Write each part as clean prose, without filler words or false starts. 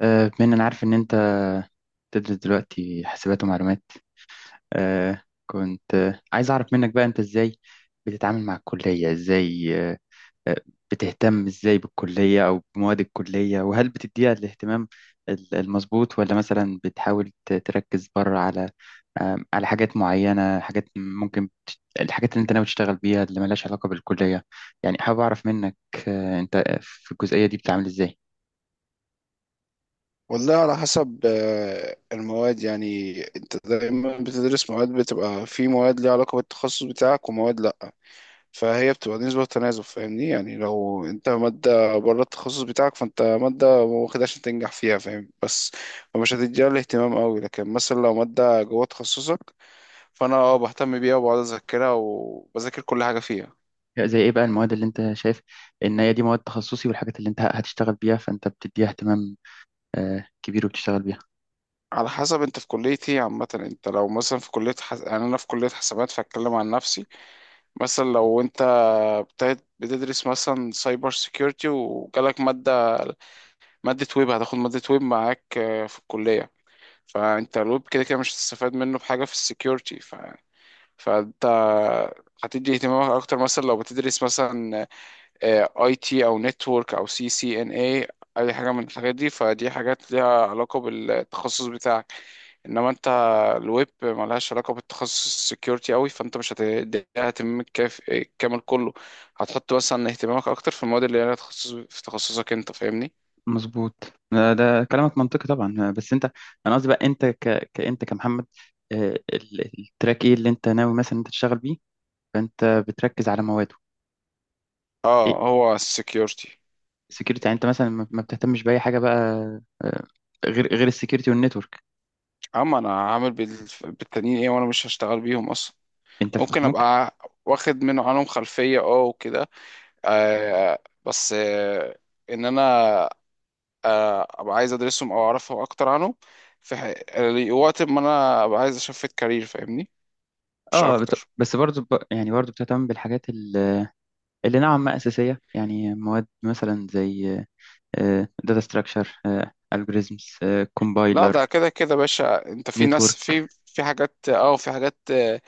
بما إن أنا عارف إن أنت تدرس دلوقتي حاسبات ومعلومات. كنت عايز أعرف منك بقى أنت إزاي بتتعامل مع الكلية، إزاي آه، بتهتم إزاي بالكلية أو بمواد الكلية، وهل بتديها الاهتمام المظبوط، ولا مثلا بتحاول تركز بره على على حاجات معينة، حاجات ممكن الحاجات اللي أنت ناوي تشتغل بيها اللي ملهاش علاقة بالكلية؟ يعني حابب أعرف منك أنت في الجزئية دي بتتعامل إزاي. والله على حسب المواد. يعني انت دايما بتدرس مواد، بتبقى في مواد ليها علاقة بالتخصص بتاعك ومواد لا، فهي بتبقى نسبة وتناسب، فاهمني؟ يعني لو انت مادة بره التخصص بتاعك، فانت مادة واخدها عشان تنجح فيها، فاهم؟ بس فمش هتديها الاهتمام قوي. لكن مثلا لو مادة جوه تخصصك، فانا اه بهتم بيها وبقعد اذاكرها وبذاكر كل حاجة فيها. زي ايه بقى المواد اللي انت شايف ان هي دي مواد تخصصي والحاجات اللي انت هتشتغل بيها، فانت بتديها اهتمام كبير وبتشتغل بيها؟ على حسب انت في كلية ايه عامة. انت لو مثلا في كلية يعني انا في كلية حسابات فاتكلم عن نفسي. مثلا لو انت ابتدت بتدرس مثلا سايبر سيكيورتي وجالك مادة ويب، هتاخد مادة ويب معاك في الكلية. فانت الويب كده كده مش هتستفاد منه بحاجة في السيكيورتي فانت هتدي اهتمامك اكتر. مثلا لو بتدرس مثلا اي تي او نتورك او سي سي ان اي، اي حاجة من الحاجات دي، فدي حاجات ليها علاقة بالتخصص بتاعك. انما انت الويب ملهاش علاقه بالتخصص السكيورتي قوي، فانت مش هتديها اهتمامك كامل كله. هتحط مثلا اهتمامك اكتر في المواد اللي ليها تخصص في تخصصك انت، فاهمني؟ مظبوط. ده كلامك منطقي طبعا. بس انت، انا قصدي بقى انت كانت كمحمد، التراك ايه اللي انت ناوي مثلا انت تشتغل بيه فانت بتركز على مواده؟ اه، ايه، هو السكيورتي. سكيورتي؟ يعني انت مثلا ما بتهتمش باي حاجه بقى آه، غير السكيورتي والنتورك؟ اما انا عامل بالتانيين ايه وانا مش هشتغل بيهم اصلا؟ انت ممكن ممكن، ابقى واخد عنهم خلفيه اه وكده. آه، بس آه، انا آه ابقى عايز ادرسهم او اعرفهم اكتر عنهم في ح- وقت ما انا ابقى عايز اشفت كارير، فاهمني؟ مش اه اكتر. بس برضو يعني برضو بتهتم بالحاجات اللي نوعا ما اساسيه؟ يعني مواد مثلا زي داتا ستراكشر، الجوريزمز، لا ده كومبايلر، كده كده يا باشا، انت في ناس نتورك. في حاجات اه في حاجات اه،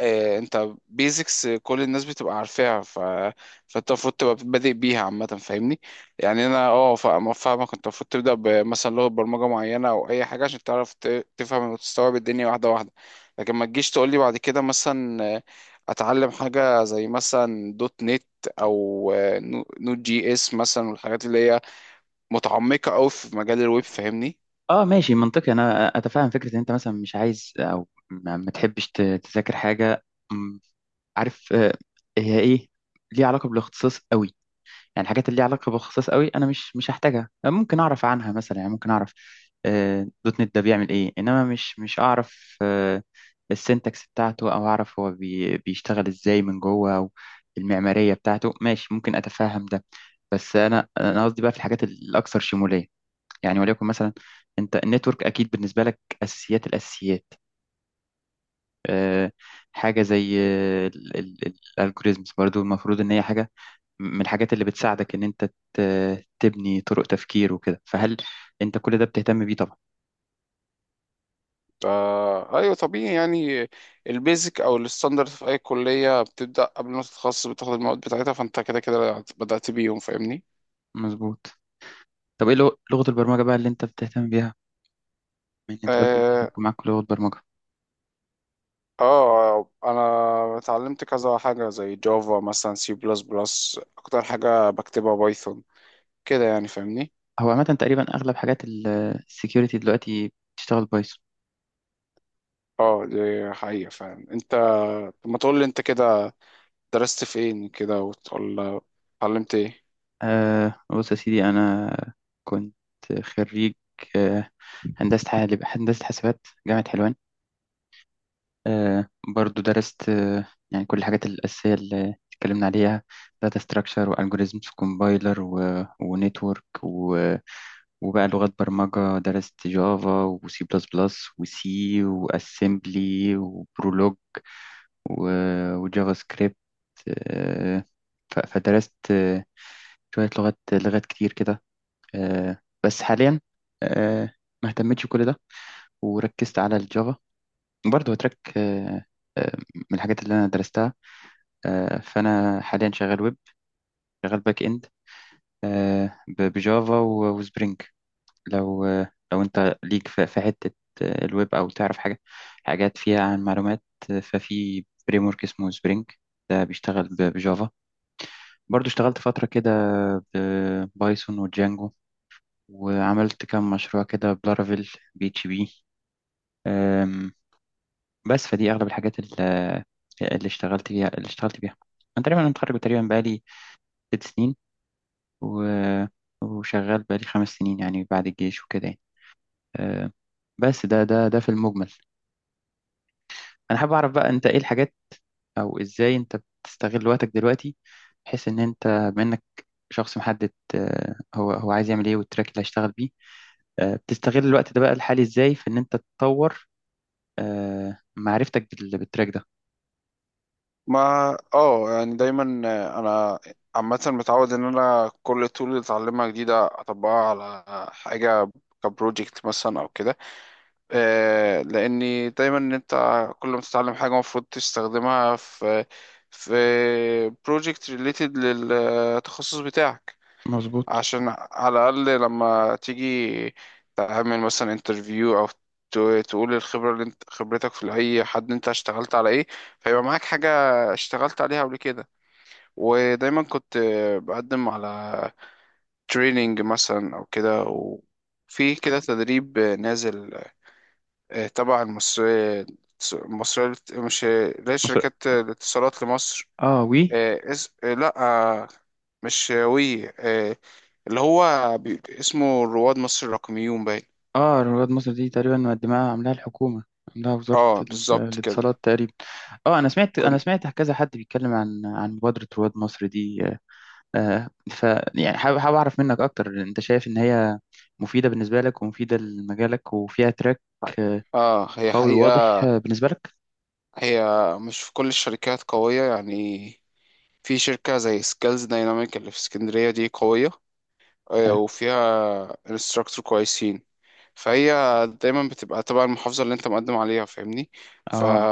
اه، انت بيزكس كل الناس بتبقى عارفاها، ف فانت المفروض تبقى بادئ بيها عامة، فاهمني؟ يعني انا اه فاهمك، انت المفروض تبدأ بمثلا لغة برمجة معينة او اي حاجة عشان تعرف تفهم وتستوعب الدنيا واحدة واحدة. لكن ما تجيش تقول لي بعد كده مثلا اتعلم حاجة زي مثلا دوت نت او نود جي اس مثلا، والحاجات اللي هي متعمقة قوي في مجال الويب، فاهمني؟ اه ماشي، منطقي. انا اتفهم فكره ان انت مثلا مش عايز او ما تحبش تذاكر حاجه م، عارف هي ايه ليها علاقه بالاختصاص قوي. يعني الحاجات اللي ليها علاقة بالخصائص قوي أنا مش هحتاجها، ممكن أعرف عنها مثلا، يعني ممكن أعرف دوت نت ده بيعمل إيه، إنما مش أعرف السنتكس بتاعته، أو أعرف هو بيشتغل إزاي من جوه، أو المعمارية بتاعته. ماشي، ممكن أتفهم ده. بس أنا قصدي بقى في الحاجات الأكثر شمولية. يعني وليكن مثلا أنت النتورك أكيد بالنسبة لك أساسيات الأساسيات، آه، حاجة زي الالجوريزمز برضو المفروض إن هي حاجة من الحاجات اللي بتساعدك إن أنت تبني طرق تفكير وكده، فهل أنت كل ده بتهتم بيه طبعا؟ فا ايوه طبيعي يعني. البيزك او الستاندرد في اي كليه بتبدا قبل ما تتخصص بتاخد المواد بتاعتها، فانت كده كده بدات بيهم، فاهمني؟ مظبوط. طب إيه لغة البرمجة بقى اللي أنت بتهتم بيها، من أنت قلت إن لازم اه، يكون معاك لغة برمجة؟ انا اتعلمت كذا حاجه زي جافا مثلا، سي بلس بلس، اكتر حاجه بكتبها بايثون كده يعني، فاهمني؟ هو عامة تقريبا أغلب حاجات السكيورتي دلوقتي بتشتغل بايثون. اه دي حقيقه فعلا. انت طب ما تقول لي انت كده درست فين كده، وتقول اتعلمت ايه؟ آه بص يا سيدي، أنا كنت خريج آه، هندسة هندسة حاسبات جامعة حلوان. آه، برضو درست يعني كل الحاجات الأساسية اللي اتكلمنا عليها، داتا ستراكشر والجوريزمز وكومبايلر ونتورك. وبقى لغات برمجة درست جافا وسي بلس بلس وسي واسمبلي وبرولوج وجافا سكريبت. آه، فدرست شوية لغات، كتير كده. بس حاليا آه، ما اهتمتش بكل ده وركزت على الجافا، برضه هو تراك من الحاجات اللي انا درستها. فانا حاليا شغال ويب، شغال باك اند، بجافا وسبرينج. لو لو انت ليك في في حته الويب، او تعرف حاجه، حاجات فيها عن معلومات، ففي فريم ورك اسمه سبرينج، ده بيشتغل بجافا. برضه اشتغلت فتره كده بايثون وجانجو، وعملت كام مشروع كده بلارافيل بي اتش بي. بس فدي اغلب الحاجات اللي اشتغلت فيها، اللي اشتغلت بيها. انا تقريبا متخرج، تقريبا بقالي 6 سنين و... وشغال بقالي 5 سنين يعني، بعد الجيش وكده يعني. أه، بس ده في المجمل. انا حابب اعرف بقى انت ايه الحاجات او ازاي انت بتستغل وقتك دلوقتي، بحيث ان انت، بما انك شخص محدد هو عايز يعمل ايه والتراك اللي هيشتغل بيه، بتستغل الوقت ده بقى الحالي ازاي في ان انت تطور معرفتك بالتراك ده؟ ما اه، يعني دايما انا عامة متعود ان انا كل طول اللي اتعلمها جديدة اطبقها على حاجة كبروجكت مثلا او كده. لاني دايما ان انت كل ما تتعلم حاجة المفروض تستخدمها في بروجكت ريليتد للتخصص بتاعك. مظبوط. عشان على الأقل لما تيجي تعمل مثلا انترفيو أو تقول الخبرة اللي انت خبرتك في أي حد انت اشتغلت على ايه، فيبقى معاك حاجة اشتغلت عليها قبل كده. ودايما كنت بقدم على تريننج مثلا أو كده. وفي كده تدريب نازل اه، تبع مش، لا، مثلا؟ شركات الاتصالات لمصر. اه. و، لا، آه، مش وي اللي هو اسمه رواد مصر الرقميون، باين. اه رواد مصر دي تقريبا مقدمها عاملاها الحكومة، عاملاها وزارة اه بالظبط كده. الاتصالات تقريبا. اه انا سمعت، انا كنت سمعت كذا حد بيتكلم عن مبادرة رواد مصر دي. آه ف، يعني حابب اعرف منك اكتر، انت شايف ان هي مفيدة بالنسبة لك ومفيدة لمجالك وفيها تراك آه، اه. هي قوي حقيقة وواضح بالنسبة لك؟ هي مش في كل الشركات قوية يعني. في شركة زي سكيلز دايناميك اللي في اسكندرية دي قوية، حلو. وفيها انستراكتور كويسين. فهي دايما بتبقى تبع المحافظة اللي انت مقدم عليها، فاهمني؟ ف اه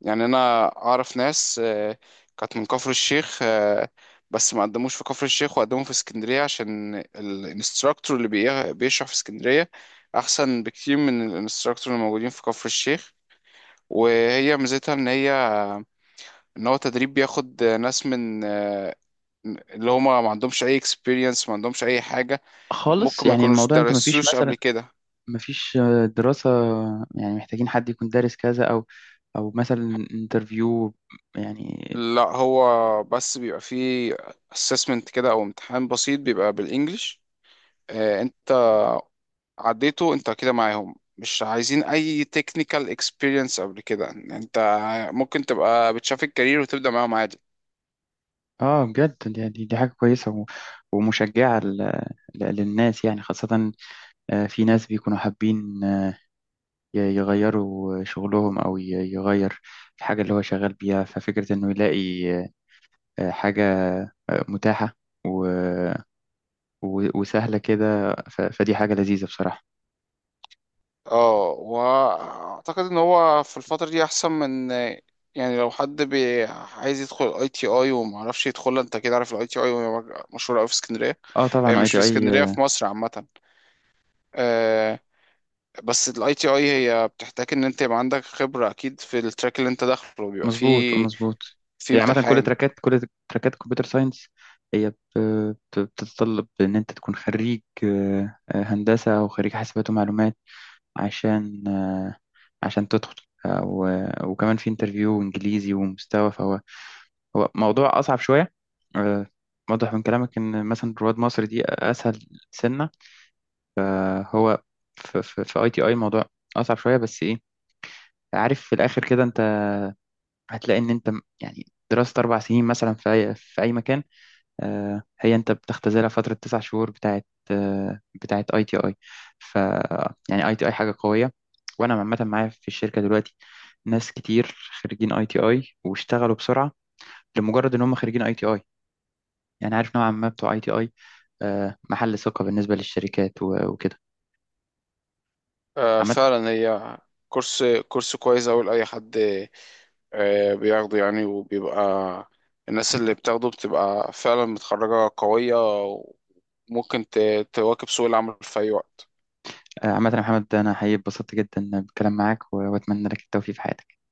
يعني انا اعرف ناس كانت من كفر الشيخ بس ما قدموش في كفر الشيخ وقدموا في اسكندرية، عشان الانستراكتور اللي بيشرح في اسكندرية احسن بكتير من الانستراكتور اللي موجودين في كفر الشيخ. وهي ميزتها ان هي ان هو تدريب بياخد ناس من اللي هما ما عندهمش اي experience، ما عندهمش اي حاجة. خالص، ممكن ما يعني يكونوش الموضوع انت مفيش درسوش مثلا، قبل كده. مفيش دراسة، يعني محتاجين حد يكون دارس كذا، او او مثلا انترفيو يعني؟ لا هو بس بيبقى فيه assessment كده او امتحان بسيط، بيبقى بالانجلش. انت عديته انت كده معاهم، مش عايزين اي technical experience قبل كده. انت ممكن تبقى بتشاف الكارير وتبدأ معاهم عادي. اه بجد دي، دي حاجة كويسة ومشجعة للناس يعني، خاصة في ناس بيكونوا حابين يغيروا شغلهم، أو يغير الحاجة اللي هو شغال بيها، ففكرة إنه يلاقي حاجة متاحة و- وسهلة كده فدي حاجة لذيذة بصراحة. اه واعتقد ان هو في الفترة دي احسن من، يعني لو حد بي عايز يدخل اي تي اي وما عرفش يدخلها، انت كده عارف الاي تي اي مشهوره قوي في اسكندريه. اه طبعا اي مش في تي اي اسكندريه، في مصر عامه. آه، بس الاي تي اي هي بتحتاج ان انت يبقى عندك خبرة اكيد في التراك اللي انت داخله، بيبقى مظبوط، فيه مظبوط. في يعني عامة كل امتحان. تراكات، كل تراكات كمبيوتر ساينس هي بتتطلب إن أنت تكون خريج هندسة أو خريج حاسبات ومعلومات، عشان عشان تدخل. وكمان في انترفيو انجليزي ومستوى، فهو هو موضوع اصعب شويه. آه، واضح من كلامك ان مثلا رواد مصر دي اسهل سنه. هو في في اي تي اي موضوع اصعب شويه، بس ايه، عارف في الاخر كده انت هتلاقي ان انت يعني دراسه 4 سنين مثلا في اي في اي مكان هي انت بتختزلها فترة 9 شهور بتاعت بتاعت اي تي اي. ف، يعني اي تي اي حاجة قوية، وانا عامة معايا في الشركة دلوقتي ناس كتير خريجين اي تي اي، واشتغلوا بسرعة لمجرد ان هم خريجين اي تي اي. يعني عارف نوعا ما بتوع اي تي اي محل ثقة بالنسبة للشركات وكده آه عامة. فعلا هي كورس كويس اوي لاي حد آه بياخده يعني. وبيبقى الناس اللي بتاخده بتبقى فعلا متخرجة قوية، وممكن تواكب سوق العمل في اي وقت. عامة يا محمد انا حقيقي اتبسطت جدا بالكلام معاك واتمنى لك التوفيق في حياتك.